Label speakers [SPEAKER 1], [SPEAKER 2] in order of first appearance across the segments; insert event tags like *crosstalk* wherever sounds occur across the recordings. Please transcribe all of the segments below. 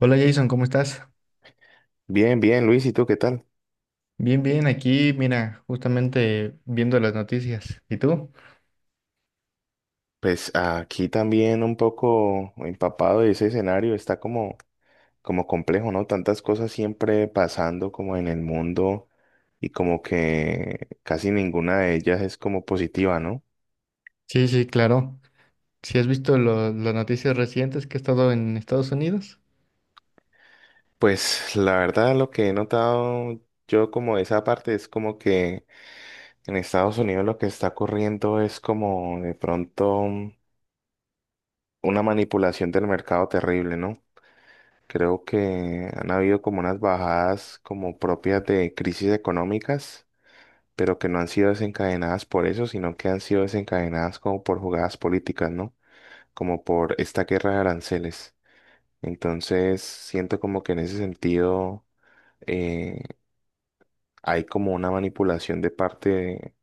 [SPEAKER 1] Hola Jason, ¿cómo estás?
[SPEAKER 2] Bien, bien, Luis, ¿y tú qué tal?
[SPEAKER 1] Bien, bien, aquí, mira, justamente viendo las noticias. ¿Y tú?
[SPEAKER 2] Pues aquí también un poco empapado de ese escenario, está como, como complejo, ¿no? Tantas cosas siempre pasando como en el mundo y como que casi ninguna de ellas es como positiva, ¿no?
[SPEAKER 1] Sí, sí, claro. ¿Si has visto las noticias recientes que he estado en Estados Unidos?
[SPEAKER 2] Pues la verdad lo que he notado yo como de esa parte es como que en Estados Unidos lo que está ocurriendo es como de pronto una manipulación del mercado terrible, ¿no? Creo que han habido como unas bajadas como propias de crisis económicas, pero que no han sido desencadenadas por eso, sino que han sido desencadenadas como por jugadas políticas, ¿no? Como por esta guerra de aranceles. Entonces, siento como que en ese sentido eh, hay como una manipulación de parte de-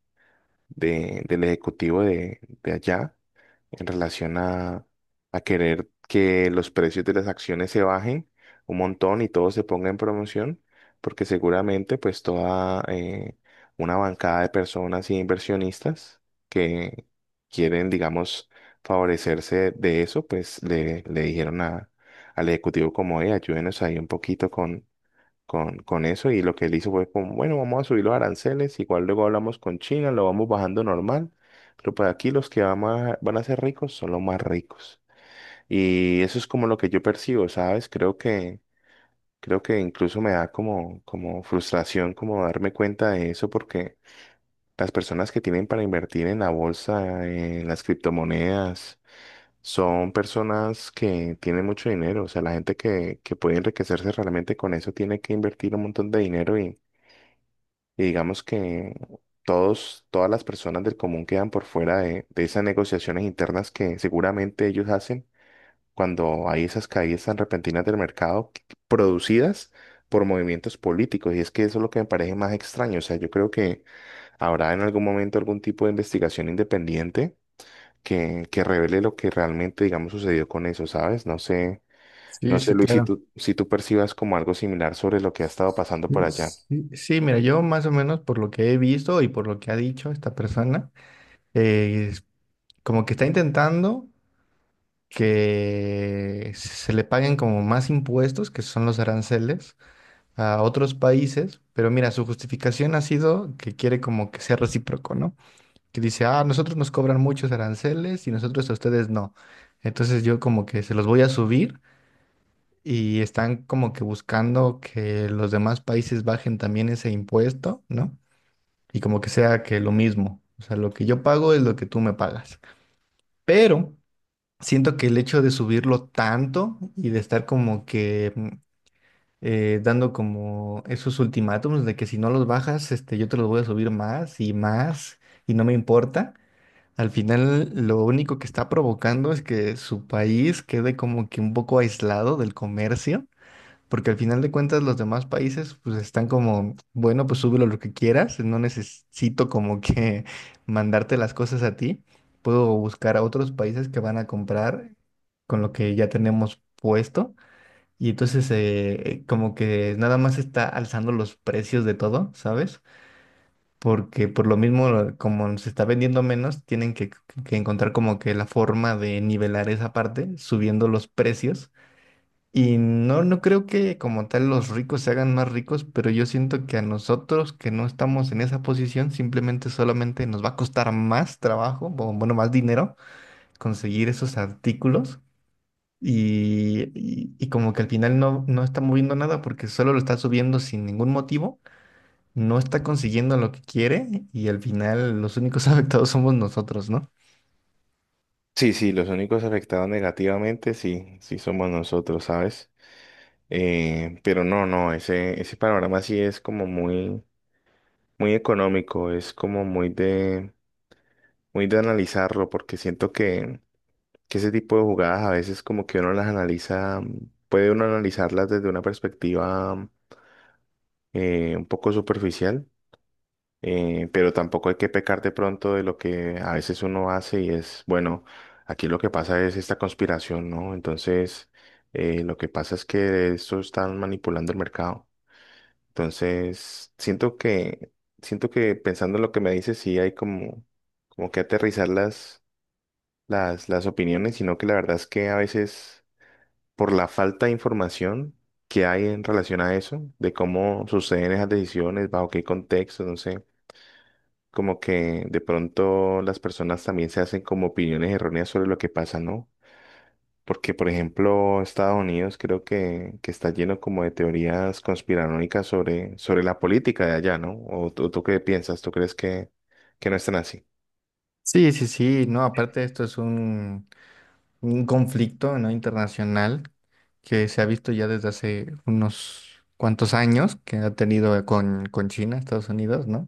[SPEAKER 2] de- del ejecutivo de allá en relación a querer que los precios de las acciones se bajen un montón y todo se ponga en promoción, porque seguramente pues toda una bancada de personas y inversionistas que quieren, digamos, favorecerse de eso, pues le dijeron a, al ejecutivo como, ayúdenos ahí un poquito con con eso y lo que él hizo fue como, bueno, vamos a subir los aranceles, igual luego hablamos con China, lo vamos bajando normal, pero pues aquí los que van a, van a ser ricos son los más ricos. Y eso es como lo que yo percibo, ¿sabes? Creo que incluso me da como, como frustración como darme cuenta de eso porque las personas que tienen para invertir en la bolsa, en las criptomonedas, son personas que tienen mucho dinero, o sea, la gente que puede enriquecerse realmente con eso tiene que invertir un montón de dinero y digamos que todos, todas las personas del común quedan por fuera de esas negociaciones internas que seguramente ellos hacen cuando hay esas caídas tan repentinas producidas por movimientos políticos. Y es que eso es lo que me parece más extraño. O sea, yo creo que habrá en algún momento algún tipo de investigación independiente que revele lo que realmente, digamos, sucedió con eso, ¿sabes? No sé, no
[SPEAKER 1] Sí,
[SPEAKER 2] sé,
[SPEAKER 1] sí,
[SPEAKER 2] Luis, si
[SPEAKER 1] claro.
[SPEAKER 2] tú, si tú percibas como algo similar sobre lo que ha estado pasando por
[SPEAKER 1] Sí,
[SPEAKER 2] allá.
[SPEAKER 1] sí, sí, mira, yo más o menos por lo que he visto y por lo que ha dicho esta persona, es como que está intentando que se le paguen como más impuestos, que son los aranceles, a otros países. Pero mira, su justificación ha sido que quiere como que sea recíproco, ¿no? Que dice, ah, nosotros nos cobran muchos aranceles y nosotros a ustedes no. Entonces yo como que se los voy a subir y están como que buscando que los demás países bajen también ese impuesto, ¿no? Y como que sea que lo mismo, o sea, lo que yo pago es lo que tú me pagas. Pero siento que el hecho de subirlo tanto y de estar como que... mm, dando como esos ultimátums de que si no los bajas, este, yo te los voy a subir más y más y no me importa. Al final, lo único que está provocando es que su país quede como que un poco aislado del comercio, porque al final de cuentas los demás países pues están como, bueno, pues súbelo lo que quieras, no necesito como que *laughs* mandarte las cosas a ti, puedo buscar a otros países que van a comprar con lo que ya tenemos puesto. Y entonces como que nada más está alzando los precios de todo, ¿sabes? Porque por lo mismo, como se está vendiendo menos, tienen que encontrar como que la forma de nivelar esa parte, subiendo los precios. Y no, no creo que como tal los ricos se hagan más ricos, pero yo siento que a nosotros que no estamos en esa posición, simplemente solamente nos va a costar más trabajo, o bueno, más dinero conseguir esos artículos. Y como que al final no, no está moviendo nada porque solo lo está subiendo sin ningún motivo, no está consiguiendo lo que quiere, y al final los únicos *laughs* afectados somos nosotros, ¿no?
[SPEAKER 2] Sí, sí, los únicos afectados negativamente, sí, sí somos nosotros, ¿sabes? Pero no, no, ese panorama sí es como muy, muy económico, es como muy de analizarlo, porque siento que ese tipo de jugadas a veces como que uno las analiza, puede uno analizarlas desde una perspectiva un poco superficial. Pero tampoco hay que pecar de pronto de lo que a veces uno hace y es, bueno, aquí lo que pasa es esta conspiración, ¿no? Entonces, lo que pasa es que esto están manipulando el mercado. Entonces, siento que pensando en lo que me dices, sí hay como, como que aterrizar las opiniones, sino que la verdad es que a veces por la falta de información que hay en relación a eso, de cómo suceden esas decisiones, bajo qué contexto, no sé como que de pronto las personas también se hacen como opiniones erróneas sobre lo que pasa, ¿no? Porque, por ejemplo, Estados Unidos creo que está lleno como de teorías conspiranoicas sobre, sobre la política de allá, ¿no? ¿O tú qué piensas? ¿Tú crees que no están así?
[SPEAKER 1] Sí, sí, sí, no, aparte esto es un conflicto, ¿no?, internacional, que se ha visto ya desde hace unos cuantos años que ha tenido con China, Estados Unidos, ¿no?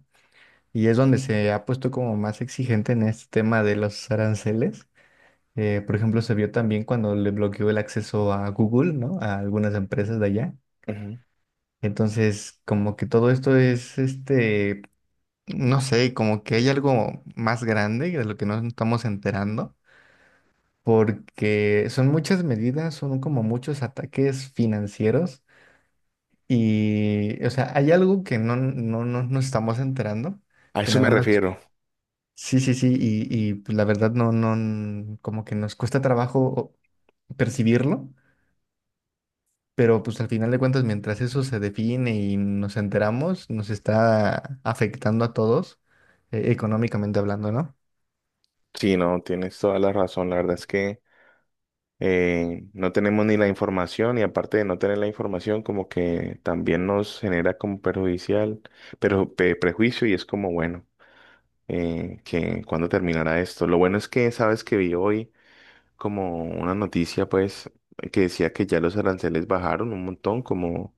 [SPEAKER 1] Y es donde se ha puesto como más exigente en este tema de los aranceles. Por ejemplo, se vio también cuando le bloqueó el acceso a Google, ¿no? A algunas empresas de allá.
[SPEAKER 2] Ujú.
[SPEAKER 1] Entonces, como que todo esto es este. No sé, como que hay algo más grande de lo que nos estamos enterando, porque son muchas medidas, son como muchos ataques financieros y, o sea, hay algo que no nos estamos enterando,
[SPEAKER 2] A
[SPEAKER 1] que
[SPEAKER 2] eso me
[SPEAKER 1] nada más,
[SPEAKER 2] refiero.
[SPEAKER 1] sí, sí, sí, y pues, la verdad no, no, como que nos cuesta trabajo percibirlo, pero pues al final de cuentas, mientras eso se define y nos enteramos, nos está afectando a todos, económicamente hablando, ¿no?
[SPEAKER 2] Sí, no, tienes toda la razón. La verdad es que no tenemos ni la información y aparte de no tener la información, como que también nos genera como perjudicial, pero prejuicio y es como bueno. Eh, que cuándo terminará esto. Lo bueno es que sabes que vi hoy como una noticia, pues, que decía que ya los aranceles bajaron un montón, como,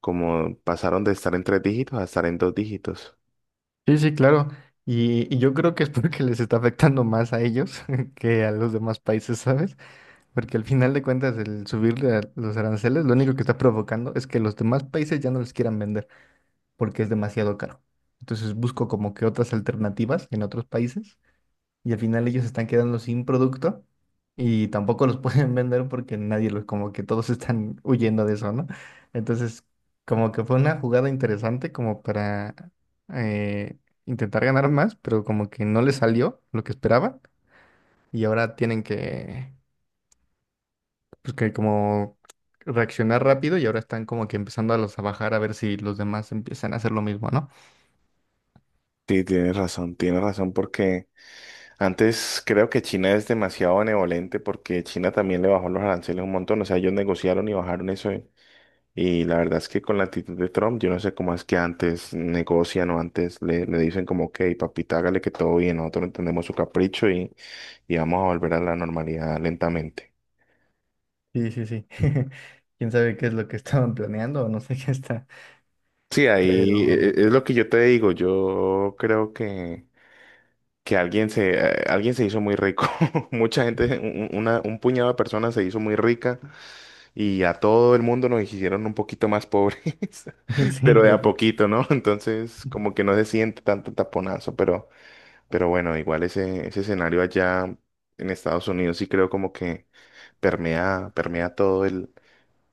[SPEAKER 2] como pasaron de estar en tres dígitos a estar en dos dígitos.
[SPEAKER 1] Sí, sí, claro. Y yo creo que es *laughs* porque les está afectando más a ellos *laughs* que a los demás países, ¿sabes? Porque al final de cuentas el subirle a los aranceles lo único que está provocando es que los demás países ya no les quieran vender porque es demasiado caro. Entonces busco como que otras alternativas en otros países y al final ellos están quedando sin producto y tampoco los *laughs* pueden vender porque nadie los, como que todos están huyendo de eso, ¿no? Entonces, como que fue una jugada interesante como para eh, intentar ganar más, pero como que no les salió lo que esperaban y ahora tienen que, pues que como reaccionar rápido, y ahora están como que empezando a los a bajar a ver si los demás empiezan a hacer lo mismo, ¿no?
[SPEAKER 2] Sí, tienes razón, porque antes creo que China es demasiado benevolente, porque China también le bajó los aranceles un montón, o sea, ellos negociaron y bajaron eso. Y la verdad es que con la actitud de Trump, yo no sé cómo es que antes negocian o antes le, le dicen como, ok, papita, hágale que todo bien, nosotros entendemos su capricho y vamos a volver a la normalidad lentamente.
[SPEAKER 1] Sí, sí, sí. *laughs* Quién sabe qué es lo que estaban planeando o no sé qué está.
[SPEAKER 2] Sí,
[SPEAKER 1] Pero
[SPEAKER 2] ahí es lo que yo te digo, yo creo que alguien se hizo muy rico, *laughs* mucha gente, un puñado de personas se hizo muy rica y a todo el mundo nos hicieron un poquito más pobres,
[SPEAKER 1] *laughs*
[SPEAKER 2] *laughs* pero
[SPEAKER 1] sí,
[SPEAKER 2] de
[SPEAKER 1] yo,
[SPEAKER 2] a poquito, ¿no? Entonces como que no se siente tanto taponazo, pero... Pero bueno, igual ese, ese escenario allá en Estados Unidos sí creo como que permea, permea todo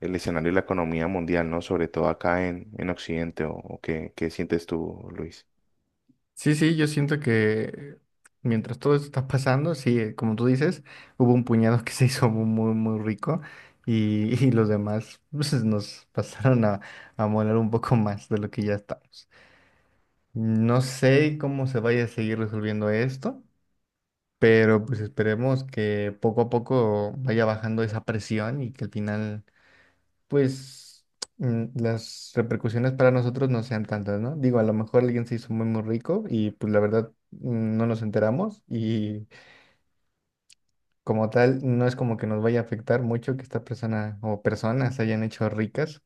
[SPEAKER 2] el escenario de la economía mundial, ¿no? Sobre todo acá en Occidente, o qué, qué sientes tú, Luis?
[SPEAKER 1] sí, sí, yo siento que mientras todo esto está pasando, sí, como tú dices, hubo un puñado que se hizo muy, muy, muy rico y, *laughs* y los demás pues, nos pasaron a moler un poco más de lo que ya estamos. No sé cómo se vaya a seguir resolviendo esto, pero pues esperemos que poco a poco vaya bajando esa presión y que al final pues las repercusiones para nosotros no sean tantas, ¿no? Digo, a lo mejor alguien se hizo muy, muy rico y pues la verdad no nos enteramos y como tal no es como que nos vaya a afectar mucho que esta persona o personas se hayan hecho ricas,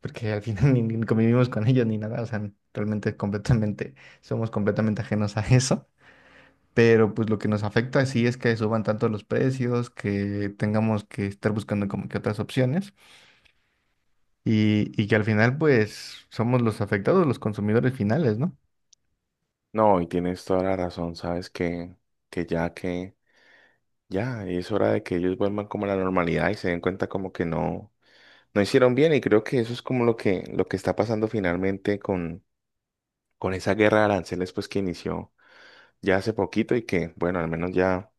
[SPEAKER 1] porque al final *laughs* ni convivimos con ellos ni nada, o sea, realmente es completamente, somos completamente ajenos a eso. Pero pues lo que nos afecta sí es que suban tanto los precios, que tengamos que estar buscando como que otras opciones. Y, y que al final pues somos los afectados, los consumidores finales, ¿no?
[SPEAKER 2] No, y tienes toda la razón, sabes que ya es hora de que ellos vuelvan como a la normalidad y se den cuenta como que no, no hicieron bien y creo que eso es como lo que está pasando finalmente con esa guerra de aranceles pues que inició ya hace poquito y que bueno, al menos ya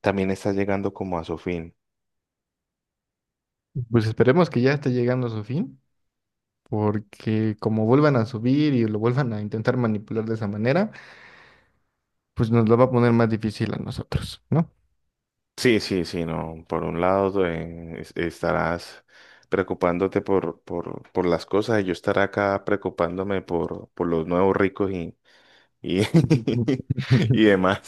[SPEAKER 2] también está llegando como a su fin.
[SPEAKER 1] Pues esperemos que ya esté llegando a su fin, porque como vuelvan a subir y lo vuelvan a intentar manipular de esa manera, pues nos lo va a poner más difícil a nosotros, ¿no?
[SPEAKER 2] Sí, sí, sí, no. Por un lado, estarás preocupándote por las cosas y yo estaré acá preocupándome por los nuevos ricos y, *laughs* y
[SPEAKER 1] *laughs*
[SPEAKER 2] demás.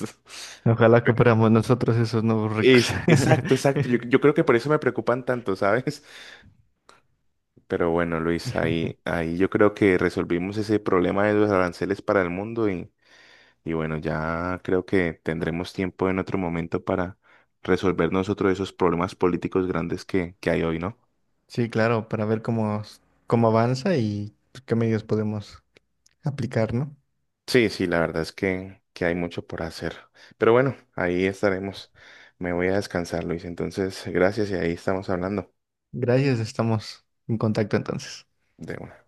[SPEAKER 1] Ojalá que fuéramos nosotros esos nuevos ricos.
[SPEAKER 2] Es, exacto, exacto. Yo,
[SPEAKER 1] *laughs*
[SPEAKER 2] yo creo que por eso me preocupan tanto, ¿sabes? *laughs* Pero bueno, Luis, ahí, ahí yo creo que resolvimos ese problema de los aranceles para el mundo. Y bueno, ya creo que tendremos tiempo en otro momento para resolver nosotros esos problemas políticos grandes que hay hoy, ¿no?
[SPEAKER 1] Sí, claro, para ver cómo, cómo avanza y pues, qué medios podemos aplicar, ¿no?
[SPEAKER 2] Sí, sí, la verdad es que hay mucho por hacer. Pero bueno, ahí estaremos. Me voy a descansar, Luis. Entonces, gracias y ahí estamos hablando
[SPEAKER 1] Gracias, estamos en contacto entonces.
[SPEAKER 2] de una.